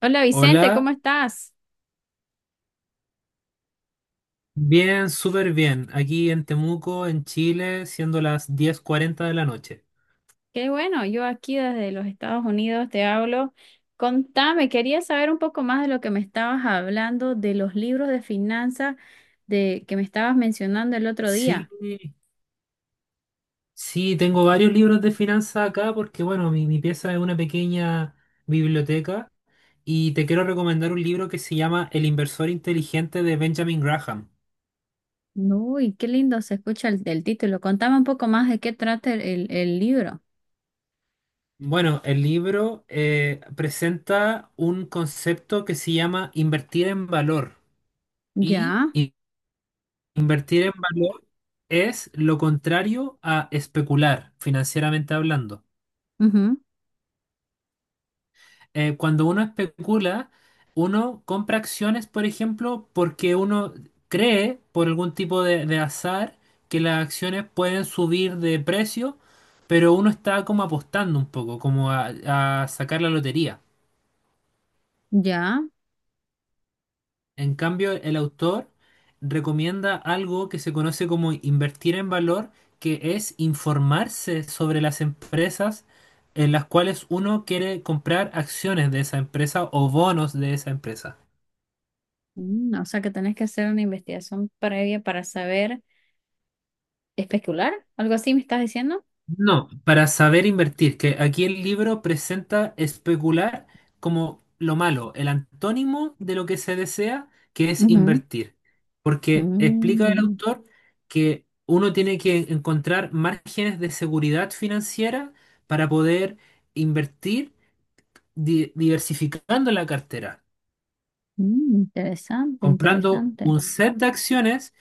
Hola Vicente, ¿cómo Hola, estás? bien, súper bien. Aquí en Temuco, en Chile, siendo las diez cuarenta de la noche. Qué bueno, yo aquí desde los Estados Unidos te hablo. Contame, quería saber un poco más de lo que me estabas hablando de los libros de finanzas de que me estabas mencionando el otro Sí, día. sí, tengo varios libros de finanzas acá porque, bueno, mi pieza es una pequeña biblioteca y te quiero recomendar un libro que se llama El inversor inteligente de Benjamin Graham. Uy, qué lindo se escucha el título. Contame un poco más de qué trata el libro. Bueno, el libro presenta un concepto que se llama invertir en valor y Ya, invertir en valor es lo contrario a especular, financieramente hablando. ujú, Cuando uno especula, uno compra acciones, por ejemplo, porque uno cree, por algún tipo de azar, que las acciones pueden subir de precio, pero uno está como apostando un poco, como a sacar la lotería. ya. En cambio, el autor recomienda algo que se conoce como invertir en valor, que es informarse sobre las empresas en las cuales uno quiere comprar acciones de esa empresa o bonos de esa empresa. Mm, o sea que tenés que hacer una investigación previa para saber especular. ¿Algo así me estás diciendo? No, para saber invertir, que aquí el libro presenta especular como lo malo, el antónimo de lo que se desea, que es Ujú. invertir. Porque explica el Mm. autor que uno tiene que encontrar márgenes de seguridad financiera para poder invertir diversificando la cartera, Mm, interesante, comprando interesante. un set de acciones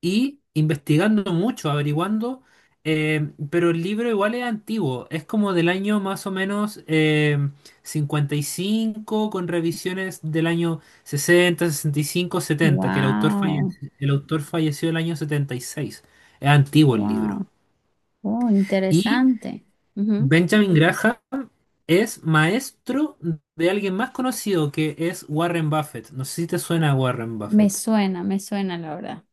y investigando mucho, averiguando, pero el libro igual es antiguo, es como del año más o menos 55, con revisiones del año 60, 65, 70, que el autor Wow, falleció, el autor falleció el año 76. Es antiguo el libro. wow, oh, Y interesante. Ujú. Benjamin Graham es maestro de alguien más conocido que es Warren Buffett. No sé si te suena Warren Buffett. Me suena, la verdad.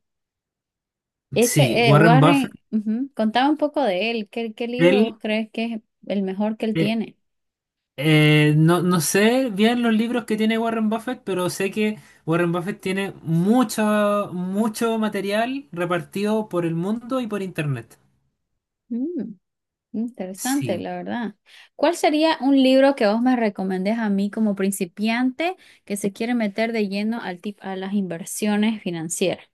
Sí, Ese, Warren Buffett, Warren, ujú, contaba un poco de él. ¿Qué libro vos él, crees que es el mejor que él eh, tiene? No sé bien los libros que tiene Warren Buffett, pero sé que Warren Buffett tiene mucho, mucho material repartido por el mundo y por internet. Mm, interesante, Sí. la verdad. ¿Cuál sería un libro que vos me recomendés a mí como principiante que se quiere meter de lleno al tip a las inversiones financieras?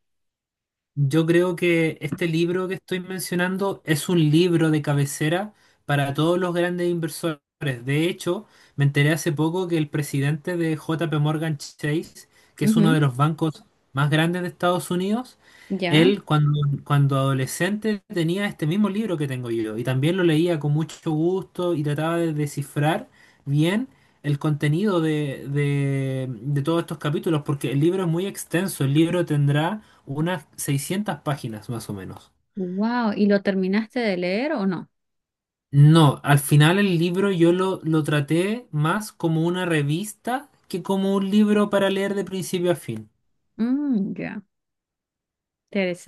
Yo creo que este libro que estoy mencionando es un libro de cabecera para todos los grandes inversores. De hecho, me enteré hace poco que el presidente de JP Morgan Chase, que es uno de Ujú, los bancos más grandes de Estados Unidos, ya. él cuando, cuando adolescente tenía este mismo libro que tengo yo y también lo leía con mucho gusto y trataba de descifrar bien el contenido de todos estos capítulos porque el libro es muy extenso, el libro tendrá unas 600 páginas más o menos. Wow, ¿y lo terminaste de leer o no? No, al final el libro yo lo traté más como una revista que como un libro para leer de principio a fin. Mm, ya,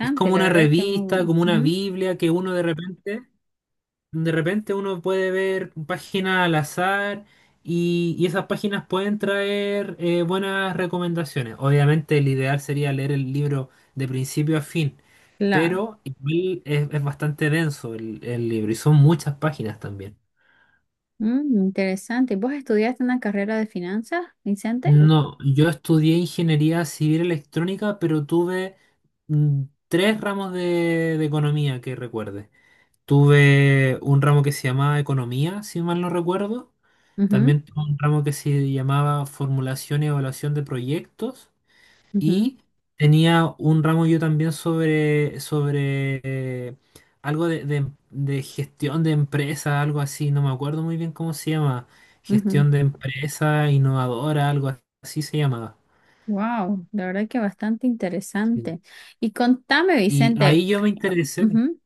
Es como la una verdad que muy revista, bueno. como una Ujú, Biblia que uno de repente uno puede ver páginas al azar y esas páginas pueden traer buenas recomendaciones. Obviamente el ideal sería leer el libro de principio a fin, claro, pero igual es bastante denso el libro y son muchas páginas también. mm, interesante. ¿Vos estudiaste una carrera de finanzas, Vicente? No, yo estudié ingeniería civil electrónica, pero tuve tres ramos de economía que recuerde. Tuve un ramo que se llamaba economía, si mal no recuerdo. Ujú, También tuve un ramo que se llamaba formulación y evaluación de proyectos. ujú, Y tenía un ramo yo también sobre eh, algo de gestión de empresa, algo así, no me acuerdo muy bien cómo se llama. ujú. Gestión de empresa innovadora, algo así se llamaba. Wow, la verdad que bastante Sí. interesante. Y contame, Y Vicente, ahí yo me interesé, ujú,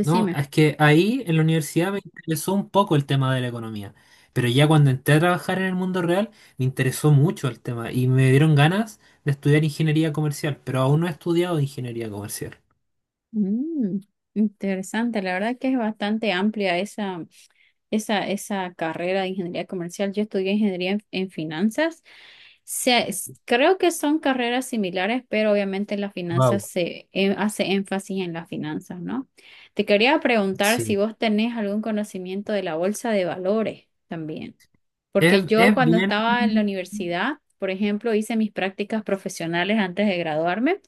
¿no? Es que ahí en la universidad me interesó un poco el tema de la economía, pero ya cuando entré a trabajar en el mundo real me interesó mucho el tema y me dieron ganas de estudiar ingeniería comercial, pero aún no he estudiado ingeniería comercial. Mm, interesante, la verdad que es bastante amplia esa carrera de ingeniería comercial. Yo estudié ingeniería en finanzas. Creo que son carreras similares, pero obviamente la finanzas Wow. se hace énfasis en las finanzas, ¿no? Te quería preguntar si Sí. vos tenés algún conocimiento de la bolsa de valores también, porque yo Es cuando bien estaba en la universidad, por ejemplo, hice mis prácticas profesionales antes de graduarme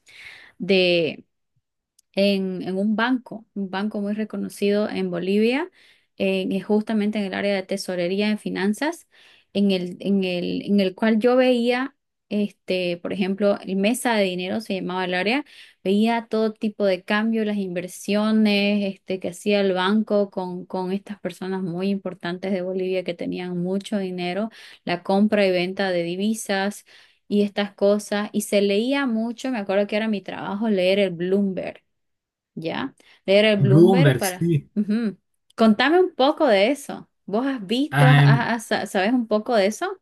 en un banco muy reconocido en Bolivia, que justamente en el área de tesorería en finanzas, en el cual yo veía, este, por ejemplo, el mesa de dinero se llamaba el área, veía todo tipo de cambios, las inversiones, este, que hacía el banco con estas personas muy importantes de Bolivia que tenían mucho dinero, la compra y venta de divisas. Y estas cosas, y se leía mucho, me acuerdo que era mi trabajo leer el Bloomberg, ya, leer el Bloomberg Bloomberg, para... sí. Ujú. Contame un poco de eso. ¿Vos has visto, Am, sabes un poco de eso?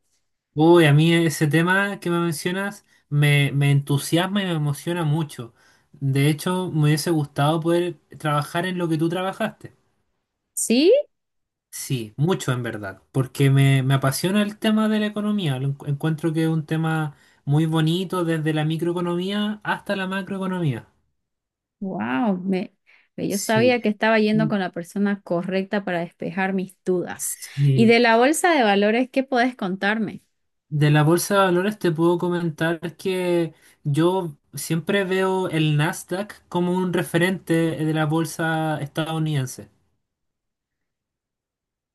uy, a mí ese tema que me mencionas me entusiasma y me emociona mucho. De hecho, me hubiese gustado poder trabajar en lo que tú trabajaste. ¿Sí? Sí, mucho en verdad, porque me apasiona el tema de la economía. Lo encuentro que es un tema muy bonito desde la microeconomía hasta la macroeconomía. Wow, yo Sí, sabía que estaba yendo mm, con la persona correcta para despejar mis dudas. ¿Y sí. de la bolsa de valores, qué podés contarme? De la bolsa de valores te puedo comentar que yo siempre veo el Nasdaq como un referente de la bolsa estadounidense.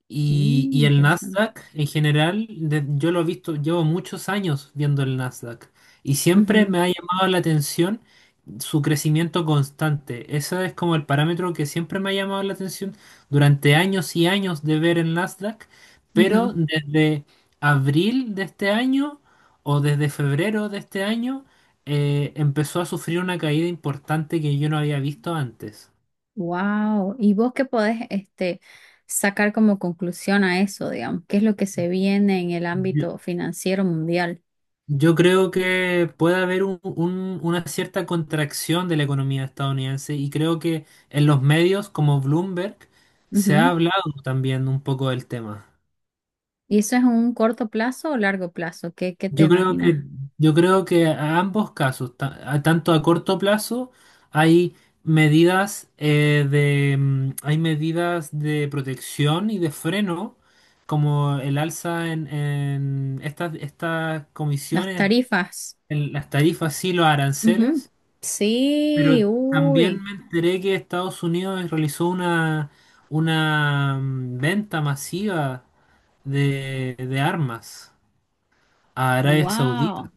Y, Mm, y el interesante. Nasdaq en general, yo lo he visto, llevo muchos años viendo el Nasdaq y siempre me ha llamado la atención su crecimiento constante. Ese es como el parámetro que siempre me ha llamado la atención durante años y años de ver el Nasdaq, pero desde abril de este año o desde febrero de este año empezó a sufrir una caída importante que yo no había visto antes. Wow, ¿y vos qué podés este, sacar como conclusión a eso, digamos? ¿Qué es lo que se viene en el ámbito financiero mundial? Yo creo que puede haber una cierta contracción de la economía estadounidense y creo que en los medios como Bloomberg se ha hablado también un poco del tema. ¿Y eso es un corto plazo o largo plazo? ¿Qué te Yo creo imaginas? que, yo creo que a ambos casos, tanto a corto plazo, hay medidas eh, de, hay medidas de protección y de freno, como el alza en estas Las comisiones, tarifas. en las tarifas y los Ujú. aranceles. Sí, Pero también uy, me enteré que Estados Unidos realizó una venta masiva de armas a Arabia Saudita. wow.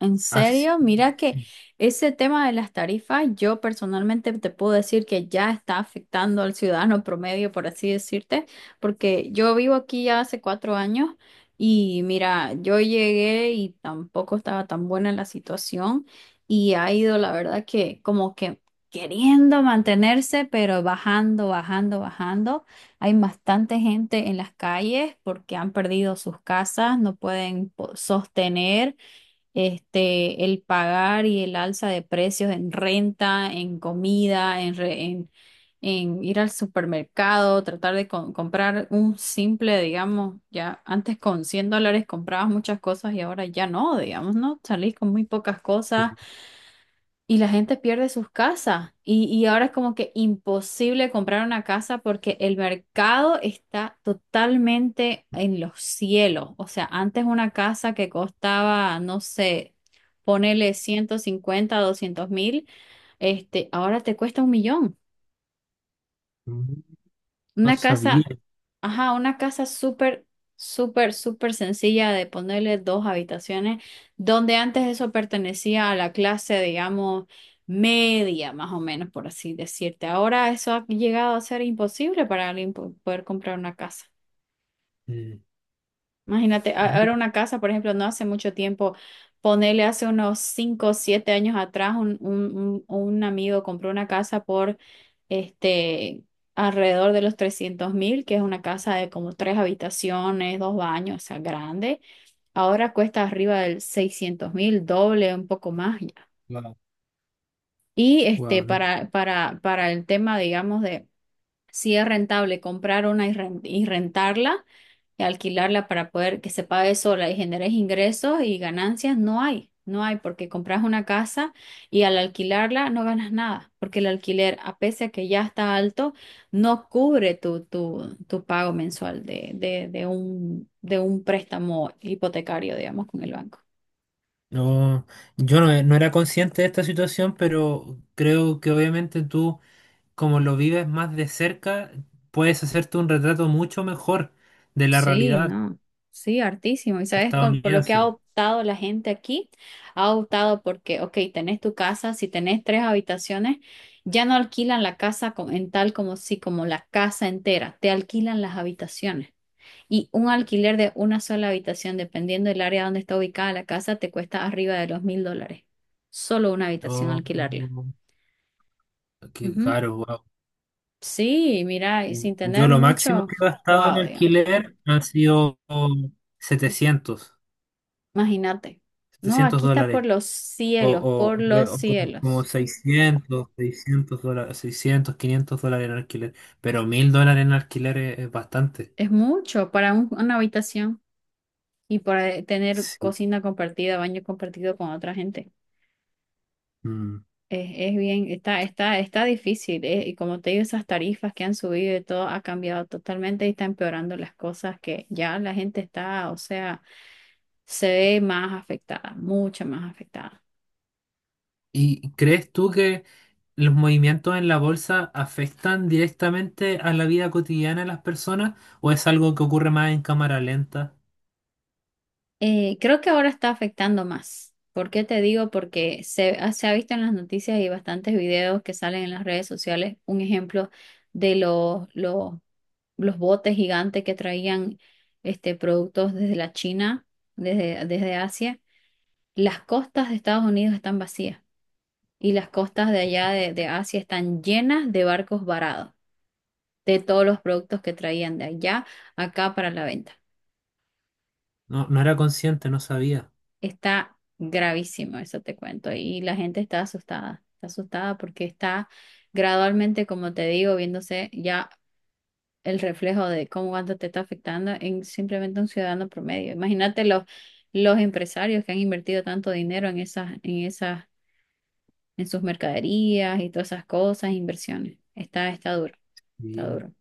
¿En Así, serio? Mira que sí, ese tema de las tarifas, yo personalmente te puedo decir que ya está afectando al ciudadano promedio, por así decirte, porque yo vivo aquí ya hace 4 años y mira, yo llegué y tampoco estaba tan buena la situación y ha ido, la verdad, que como que queriendo mantenerse, pero bajando, bajando, bajando. Hay bastante gente en las calles porque han perdido sus casas, no pueden sostener este, el pagar y el alza de precios en renta, en comida, en, en ir al supermercado, tratar de comprar un simple, digamos, ya antes con 100 dólares comprabas muchas cosas y ahora ya no, digamos, ¿no? Salís con muy pocas cosas sí. y la gente pierde sus casas. Y ahora es como que imposible comprar una casa porque el mercado está totalmente en los cielos. O sea, antes una casa que costaba, no sé, ponele 150 200.000, este, ahora te cuesta un millón. No Una sabía. casa, ajá, una casa súper, súper, súper sencilla de ponerle 2 habitaciones, donde antes eso pertenecía a la clase, digamos, media, más o menos, por así decirte. Ahora eso ha llegado a ser imposible para alguien poder comprar una casa. eh, Imagínate, ahora una casa, por ejemplo, no hace mucho tiempo, ponele hace unos 5 o 7 años atrás, un amigo compró una casa por este alrededor de los 300.000, que es una casa de como 3 habitaciones, 2 baños, o sea, grande. Ahora cuesta arriba del 600.000, doble, un poco más ya. Wow, Y este, wow, no, para el tema, digamos, de si es rentable comprar una y y rentarla y alquilarla para poder que se pague sola y generes ingresos y ganancias, no hay, no hay, porque compras una casa y al alquilarla no ganas nada, porque el alquiler, a pesar de que ya está alto, no cubre tu pago mensual de un préstamo hipotecario, digamos, con el banco. no, yo no, no era consciente de esta situación, pero creo que obviamente tú, como lo vives más de cerca, puedes hacerte un retrato mucho mejor de la Sí, realidad no, sí, hartísimo. Y sabes, por lo que ha estadounidense. optado la gente aquí, ha optado porque, ok, tenés tu casa, si tenés 3 habitaciones, ya no alquilan la casa en tal como si, como la casa entera, te alquilan las habitaciones. Y un alquiler de una sola habitación, dependiendo del área donde está ubicada la casa, te cuesta arriba de los 1.000 dólares. Solo una habitación Oh, alquilarla. qué Ujú. caro, wow. Sí, mira, y sin Yo tener lo máximo mucho, que he gastado en wow, alquiler han sido 700 imagínate. No, 700 aquí está por dólares. los cielos, O, por re- los o como, como cielos. 600 dólares, 600 500 dólares en alquiler. Pero $1,000 en alquiler es bastante. Es mucho para una habitación y para tener Sí. cocina compartida, baño compartido con otra gente. Mm. Es bien, está difícil. Y como te digo, esas tarifas que han subido y todo ha cambiado totalmente y está empeorando las cosas que ya la gente está, o sea, se ve más afectada, mucho más afectada. ¿Y crees tú que los movimientos en la bolsa afectan directamente a la vida cotidiana de las personas? ¿O es algo que ocurre más en cámara lenta? Creo que ahora está afectando más. ¿Por qué te digo? Porque se ha visto en las noticias y bastantes videos que salen en las redes sociales, un ejemplo de los botes gigantes que traían este, productos desde la China, desde Asia. Las costas de Estados Unidos están vacías y las costas de allá de Asia están llenas de barcos varados de todos los productos que traían de allá acá para la venta. No, no era consciente, no sabía. Está gravísimo, eso te cuento. Y la gente está asustada porque está gradualmente, como te digo, viéndose ya el reflejo de cómo cuánto te está afectando en simplemente un ciudadano promedio. Imagínate los empresarios que han invertido tanto dinero en sus mercaderías y todas esas cosas, inversiones. Está duro, está Sí. duro.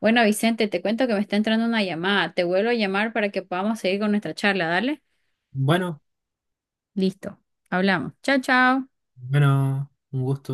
Bueno, Vicente, te cuento que me está entrando una llamada. Te vuelvo a llamar para que podamos seguir con nuestra charla. Dale. Bueno, Listo. Hablamos. Chao, chao. bueno, un gusto.